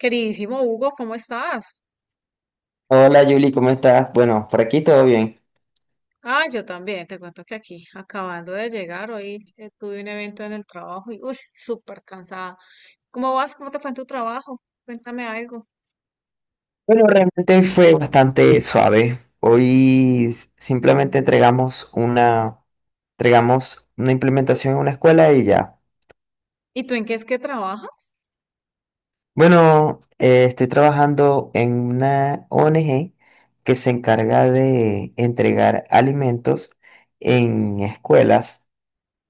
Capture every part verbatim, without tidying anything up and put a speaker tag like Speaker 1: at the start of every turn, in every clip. Speaker 1: Queridísimo Hugo, ¿cómo estás?
Speaker 2: Hola Julie, ¿cómo estás? Bueno, por aquí todo bien.
Speaker 1: Ah, yo también, te cuento que aquí, acabando de llegar, hoy eh, tuve un evento en el trabajo y, uy, súper cansada. ¿Cómo vas? ¿Cómo te fue en tu trabajo? Cuéntame algo.
Speaker 2: Bueno, realmente hoy fue bastante suave. Hoy s- simplemente entregamos una, entregamos una implementación en una escuela y ya.
Speaker 1: ¿Y tú en qué es que trabajas?
Speaker 2: Bueno, eh, estoy trabajando en una O N G que se encarga de entregar alimentos en escuelas.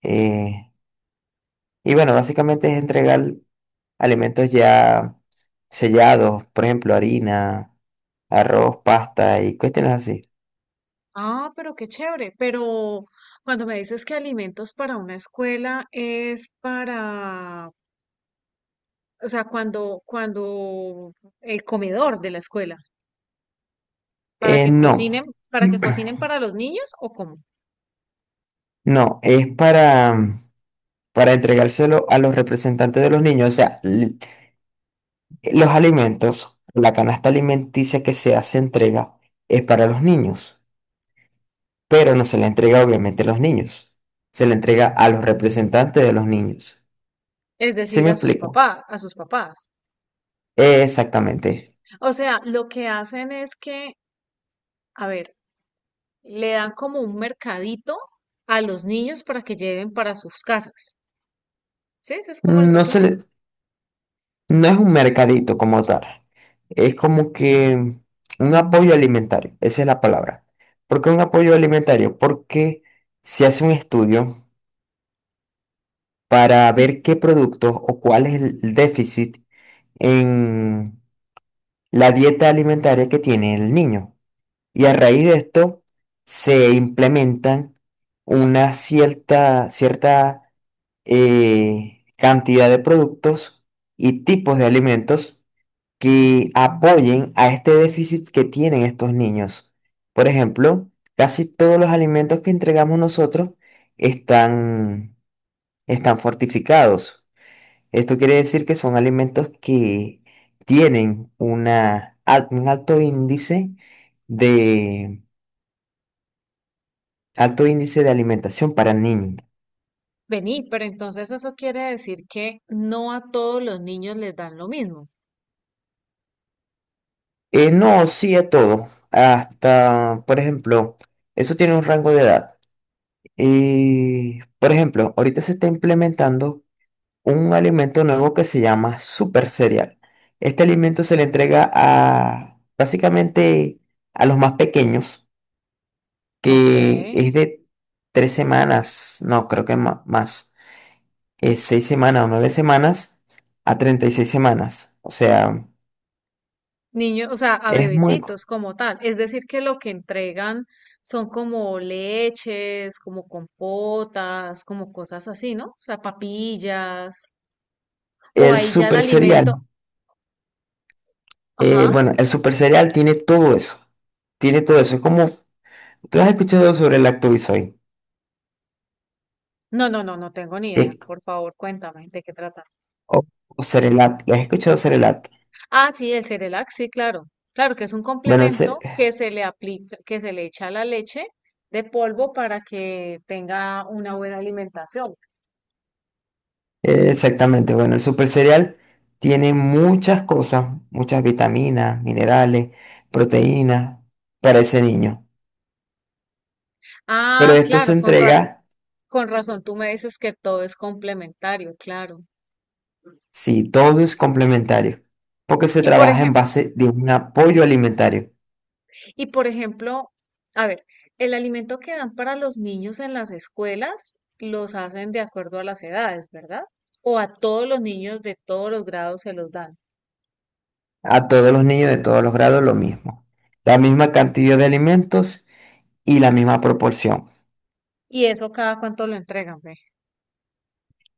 Speaker 2: eh, y bueno, básicamente es entregar alimentos ya sellados, por ejemplo, harina, arroz, pasta y cuestiones así.
Speaker 1: Ah, pero qué chévere. Pero cuando me dices que alimentos para una escuela es para, o sea, cuando, cuando el comedor de la escuela, para
Speaker 2: Eh,
Speaker 1: que
Speaker 2: no,
Speaker 1: cocinen, ¿para que cocinen para los niños o cómo?
Speaker 2: no, es para, mm, para entregárselo a los representantes de los niños, o sea, l- los alimentos, la canasta alimenticia que se hace entrega es para los niños, pero no se la entrega obviamente a los niños, se la entrega a los representantes de los niños.
Speaker 1: Es
Speaker 2: ¿Sí
Speaker 1: decir,
Speaker 2: me
Speaker 1: a sus
Speaker 2: explico?
Speaker 1: papás, a sus papás.
Speaker 2: Eh, exactamente.
Speaker 1: O sea, lo que hacen es que, a ver, le dan como un mercadito a los niños para que lleven para sus casas. ¿Sí? Ese es como el
Speaker 2: No
Speaker 1: resumen.
Speaker 2: se le, No es un mercadito como tal. Es como que un apoyo alimentario. Esa es la palabra. ¿Por qué un apoyo alimentario? Porque se hace un estudio para ver
Speaker 1: Ujú.
Speaker 2: qué productos o cuál es el déficit en la dieta alimentaria que tiene el niño. Y a raíz de esto se implementan una cierta, cierta eh, cantidad de productos y tipos de alimentos que apoyen a este déficit que tienen estos niños. Por ejemplo, casi todos los alimentos que entregamos nosotros están, están fortificados. Esto quiere decir que son alimentos que tienen una, al- un alto índice de, alto índice de alimentación para el niño.
Speaker 1: Vení, pero entonces eso quiere decir que no a todos los niños les dan lo mismo.
Speaker 2: Eh, no, sí a todo. Hasta, por ejemplo, eso tiene un rango de edad. Y, por ejemplo, ahorita se está implementando un alimento nuevo que se llama super cereal. Este alimento se le entrega a básicamente a los más pequeños,
Speaker 1: Ok.
Speaker 2: que es de tres semanas, no, creo que ma- más, es seis semanas o nueve semanas a treinta y seis semanas. O sea,
Speaker 1: Niños, o sea, a
Speaker 2: es muy.
Speaker 1: bebecitos como tal. Es decir, que lo que entregan son como leches, como compotas, como cosas así, ¿no? O sea, papillas. O
Speaker 2: El
Speaker 1: ahí ya el
Speaker 2: super
Speaker 1: alimento.
Speaker 2: cereal, eh,
Speaker 1: Ajá.
Speaker 2: bueno, el super cereal tiene todo eso, tiene todo eso. Es como, tú has escuchado sobre el Lactobisoy,
Speaker 1: No, no, no, no tengo ni idea.
Speaker 2: que-
Speaker 1: Por favor, cuéntame de qué trata.
Speaker 2: o, o Cerelac, ¿lo has escuchado Cerelac?
Speaker 1: Ah, sí, el Cerelac, sí, claro. Claro que es un
Speaker 2: Bueno, el, ce-
Speaker 1: complemento que se le aplica, que se le echa a la leche de polvo para que tenga una buena alimentación.
Speaker 2: Eh, Exactamente, bueno, el super cereal tiene muchas cosas, muchas vitaminas, minerales, proteínas para ese niño. Pero
Speaker 1: Ah,
Speaker 2: esto se
Speaker 1: claro, con ra-
Speaker 2: entrega
Speaker 1: con razón tú me dices que todo es complementario, claro.
Speaker 2: si todo es complementario, porque se
Speaker 1: Y por
Speaker 2: trabaja en
Speaker 1: ejemplo,
Speaker 2: base de un apoyo alimentario
Speaker 1: y por ejemplo, a ver, el alimento que dan para los niños en las escuelas los hacen de acuerdo a las edades, ¿verdad? O a todos los niños de todos los grados se los dan.
Speaker 2: a todos los niños de todos los grados, lo mismo. La misma cantidad de alimentos y la misma proporción.
Speaker 1: Y eso cada cuánto lo entregan, ve.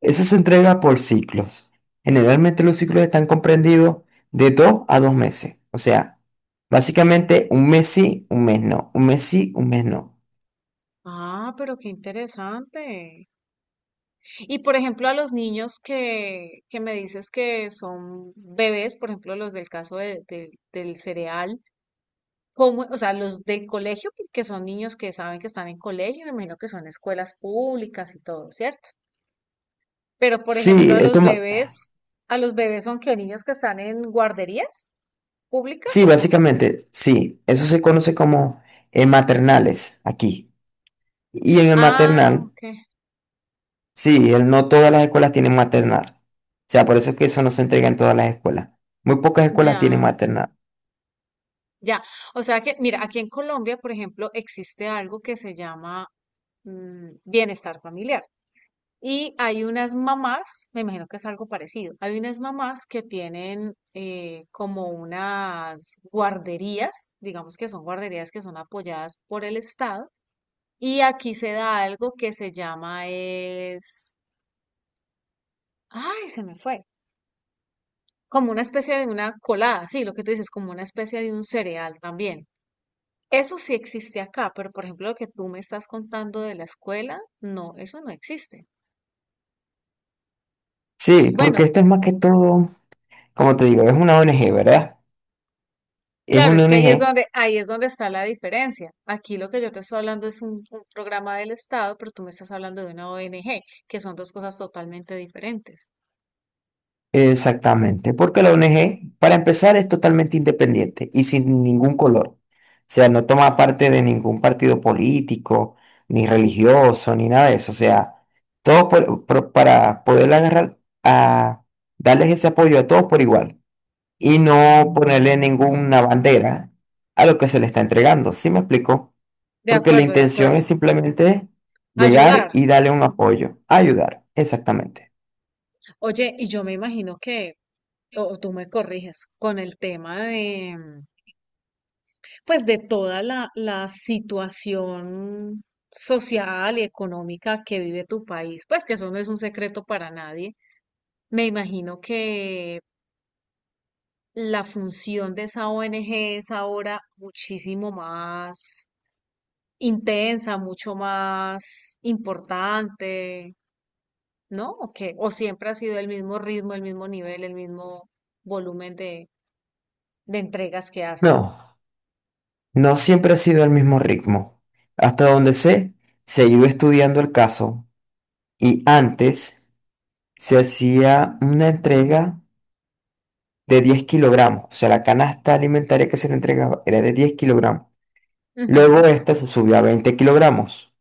Speaker 2: Eso se entrega por ciclos. Generalmente los ciclos están comprendidos de dos a dos meses. O sea, básicamente un mes sí, un mes no. Un mes sí, un mes no.
Speaker 1: Ah, pero qué interesante. Y por ejemplo, a los niños que, que me dices que son bebés, por ejemplo, los del caso de- del del cereal, ¿cómo, o sea, los del colegio, porque son niños que saben que están en colegio, me imagino que son escuelas públicas y todo, ¿cierto? Pero por ejemplo,
Speaker 2: Sí,
Speaker 1: a los
Speaker 2: esto, ma-
Speaker 1: bebés, ¿a los bebés son que niños que están en guarderías públicas
Speaker 2: sí,
Speaker 1: o cómo?
Speaker 2: básicamente, sí. Eso se conoce como eh, maternales aquí. Y en el
Speaker 1: Ah,
Speaker 2: maternal,
Speaker 1: ok,
Speaker 2: sí, el- no todas las escuelas tienen maternal. O sea, por eso es que eso no se entrega en todas las escuelas. Muy pocas escuelas tienen
Speaker 1: ya.
Speaker 2: maternal.
Speaker 1: Ya, o sea que, mira, aquí en Colombia, por ejemplo, existe algo que se llama mm, bienestar familiar. Y hay unas mamás, me imagino que es algo parecido, hay unas mamás que tienen eh, como unas guarderías, digamos que son guarderías que son apoyadas por el Estado. Y aquí se da algo que se llama es, ay, se me fue, como una especie de una colada, sí, lo que tú dices, como una especie de un cereal también. Eso sí existe acá, pero por ejemplo lo que tú me estás contando de la escuela, no, eso no existe.
Speaker 2: Sí, porque
Speaker 1: Bueno,
Speaker 2: esto es más que todo, como te digo, es una O N G, ¿verdad? Es
Speaker 1: claro,
Speaker 2: una
Speaker 1: es que ahí es
Speaker 2: O N G.
Speaker 1: donde, ahí es donde está la diferencia. Aquí lo que yo te estoy hablando es un, un programa del Estado, pero tú me estás hablando de una O N G, que son dos cosas totalmente diferentes.
Speaker 2: Exactamente, porque la O N G, para empezar, es totalmente independiente y sin ningún color. O sea, no toma parte de ningún partido político, ni religioso, ni nada de eso. O sea, todo por- por- para poder agarrar a darles ese apoyo a todos por igual y no ponerle ninguna bandera a lo que se le está entregando. ¿Sí me explico?
Speaker 1: De
Speaker 2: Porque la
Speaker 1: acuerdo, de
Speaker 2: intención
Speaker 1: acuerdo.
Speaker 2: es simplemente llegar
Speaker 1: Ayudar.
Speaker 2: y darle un
Speaker 1: Mm.
Speaker 2: apoyo, ayudar, exactamente.
Speaker 1: Oye, y yo me imagino que, o o tú me corriges, con el tema de, pues de toda la, la situación social y económica que vive tu país, pues que eso no es un secreto para nadie. Me imagino que la función de esa O N G es ahora muchísimo más intensa, mucho más importante, ¿no? ¿O qué? ¿O siempre ha sido el mismo ritmo, el mismo nivel, el mismo volumen de, de entregas que hacen?
Speaker 2: No. No siempre ha sido el mismo ritmo. Hasta donde sé, se ha ido estudiando el caso y antes se hacía una entrega de diez kilogramos. O sea, la canasta alimentaria que se le entregaba era de diez kilogramos. Luego
Speaker 1: Ujú,
Speaker 2: esta se subió a veinte kilogramos.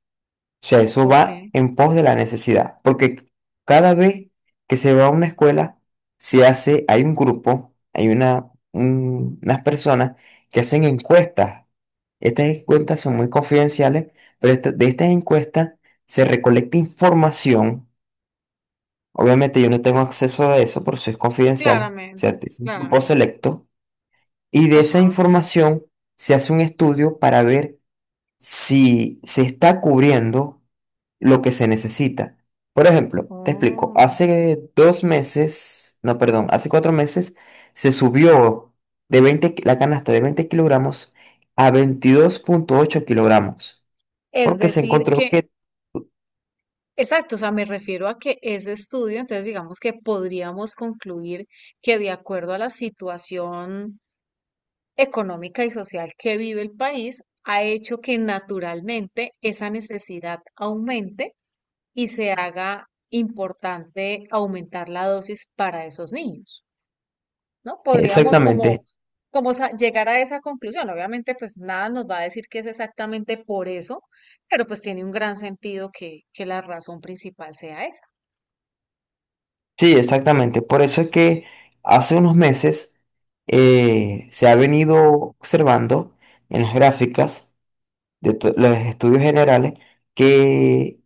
Speaker 2: O sea, eso va
Speaker 1: ok,
Speaker 2: en pos de la necesidad, porque cada vez que se va a una escuela, se hace, hay un grupo, hay una, un- unas personas que hacen encuestas. Estas encuestas son muy confidenciales, pero esta- de estas encuestas se recolecta información. Obviamente yo no tengo acceso a eso, por eso es confidencial. O sea,
Speaker 1: claramente,
Speaker 2: es un grupo
Speaker 1: claramente.
Speaker 2: selecto. Y de esa
Speaker 1: Ajá.
Speaker 2: información se hace un estudio para ver si se está cubriendo lo que se necesita. Por ejemplo, te explico,
Speaker 1: Oh,
Speaker 2: hace dos meses, no, perdón, hace cuatro meses se subió de veinte, ki- la canasta de veinte kilogramos a veintidós punto ocho kilogramos,
Speaker 1: es
Speaker 2: porque se
Speaker 1: decir,
Speaker 2: encontró
Speaker 1: que,
Speaker 2: que,
Speaker 1: exacto, o sea, me refiero a que ese estudio, entonces digamos que podríamos concluir que de acuerdo a la situación económica y social que vive el país, ha hecho que naturalmente esa necesidad aumente y se haga importante aumentar la dosis para esos niños. ¿No? Podríamos como,
Speaker 2: exactamente,
Speaker 1: como sa- llegar a esa conclusión. Obviamente, pues nada nos va a decir que es exactamente por eso, pero pues tiene un gran sentido que, que la razón principal sea esa.
Speaker 2: sí, exactamente, por eso es que hace unos meses eh, se ha venido observando en las gráficas de to- los estudios generales que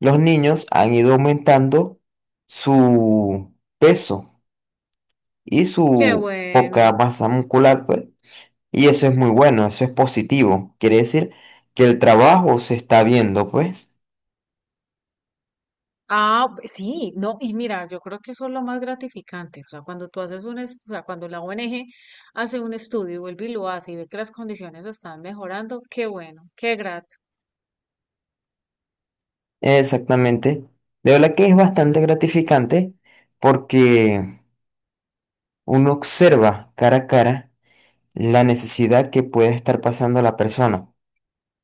Speaker 2: los niños han ido aumentando su peso y
Speaker 1: Qué
Speaker 2: su poca
Speaker 1: bueno.
Speaker 2: masa muscular, pues, y eso es muy bueno, eso es positivo. Quiere decir que el trabajo se está viendo, pues.
Speaker 1: Ah, b- sí, no, y mira, yo creo que eso es lo más gratificante. O sea, cuando tú haces un, est- o sea, cuando la O N G hace un estudio, y vuelve y lo hace y ve que las condiciones están mejorando, qué bueno, qué grato.
Speaker 2: Exactamente. De verdad que es bastante gratificante porque uno observa cara a cara la necesidad que puede estar pasando la persona.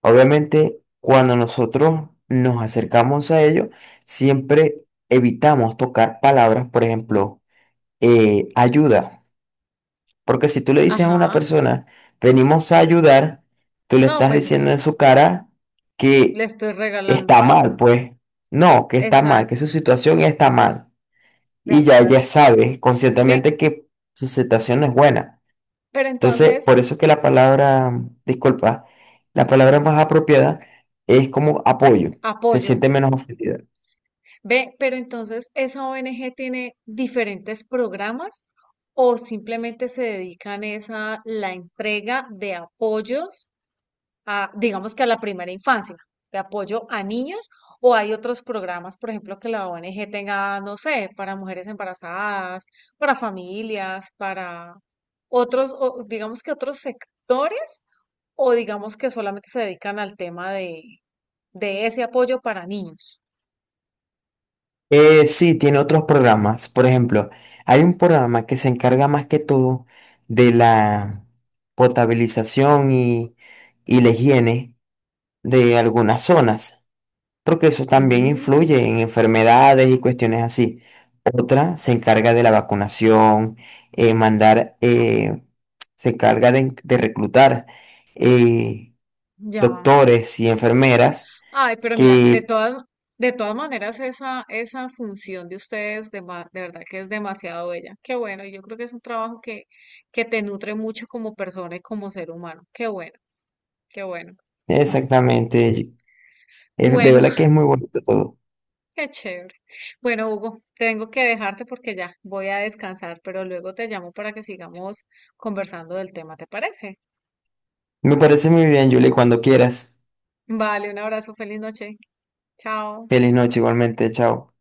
Speaker 2: Obviamente, cuando nosotros nos acercamos a ello, siempre evitamos tocar palabras, por ejemplo, eh, ayuda. Porque si tú le dices a una
Speaker 1: Ajá.
Speaker 2: persona, venimos a ayudar, tú le
Speaker 1: No,
Speaker 2: estás
Speaker 1: pues es-
Speaker 2: diciendo en su cara
Speaker 1: le
Speaker 2: que
Speaker 1: estoy regalando.
Speaker 2: está mal, pues. No, que está mal,
Speaker 1: Exacto,
Speaker 2: que su situación está mal.
Speaker 1: de
Speaker 2: Y ya ella
Speaker 1: acuerdo.
Speaker 2: sabe
Speaker 1: Ve,
Speaker 2: conscientemente que su situación no es buena.
Speaker 1: pero
Speaker 2: Entonces,
Speaker 1: entonces,
Speaker 2: por eso es que la palabra, disculpa, la palabra
Speaker 1: a-
Speaker 2: más apropiada es como apoyo, se
Speaker 1: apoyo.
Speaker 2: siente menos ofendida.
Speaker 1: Ve, pero entonces esa O N G tiene diferentes programas o simplemente se dedican es a la entrega de apoyos a, digamos que a la primera infancia, de apoyo a niños, o hay otros programas, por ejemplo, que la O N G tenga, no sé, para mujeres embarazadas, para familias, para otros, o digamos que otros sectores, o digamos que solamente se dedican al tema de, de ese apoyo para niños.
Speaker 2: Eh, sí, tiene otros programas. Por ejemplo, hay un programa que se encarga más que todo de la potabilización y, y la higiene de algunas zonas. Porque eso también influye
Speaker 1: Mm,
Speaker 2: en enfermedades y cuestiones así. Otra se encarga de la vacunación, eh, mandar, eh, se encarga de, de, reclutar eh,
Speaker 1: ya.
Speaker 2: doctores y enfermeras
Speaker 1: Ay, pero mira, de
Speaker 2: que
Speaker 1: todas, de todas maneras, esa, esa función de ustedes, de, ma- de verdad que es demasiado bella. Qué bueno, y yo creo que es un trabajo que, que te nutre mucho como persona y como ser humano. Qué bueno, qué bueno.
Speaker 2: exactamente, es, de
Speaker 1: Bueno,
Speaker 2: verdad que es muy bonito todo.
Speaker 1: qué chévere. Bueno, Hugo, tengo que dejarte porque ya voy a descansar, pero luego te llamo para que sigamos conversando del tema, ¿te parece?
Speaker 2: Me parece muy bien, Julie, cuando quieras.
Speaker 1: Vale, un abrazo, feliz noche. Chao.
Speaker 2: Feliz noche igualmente, chao.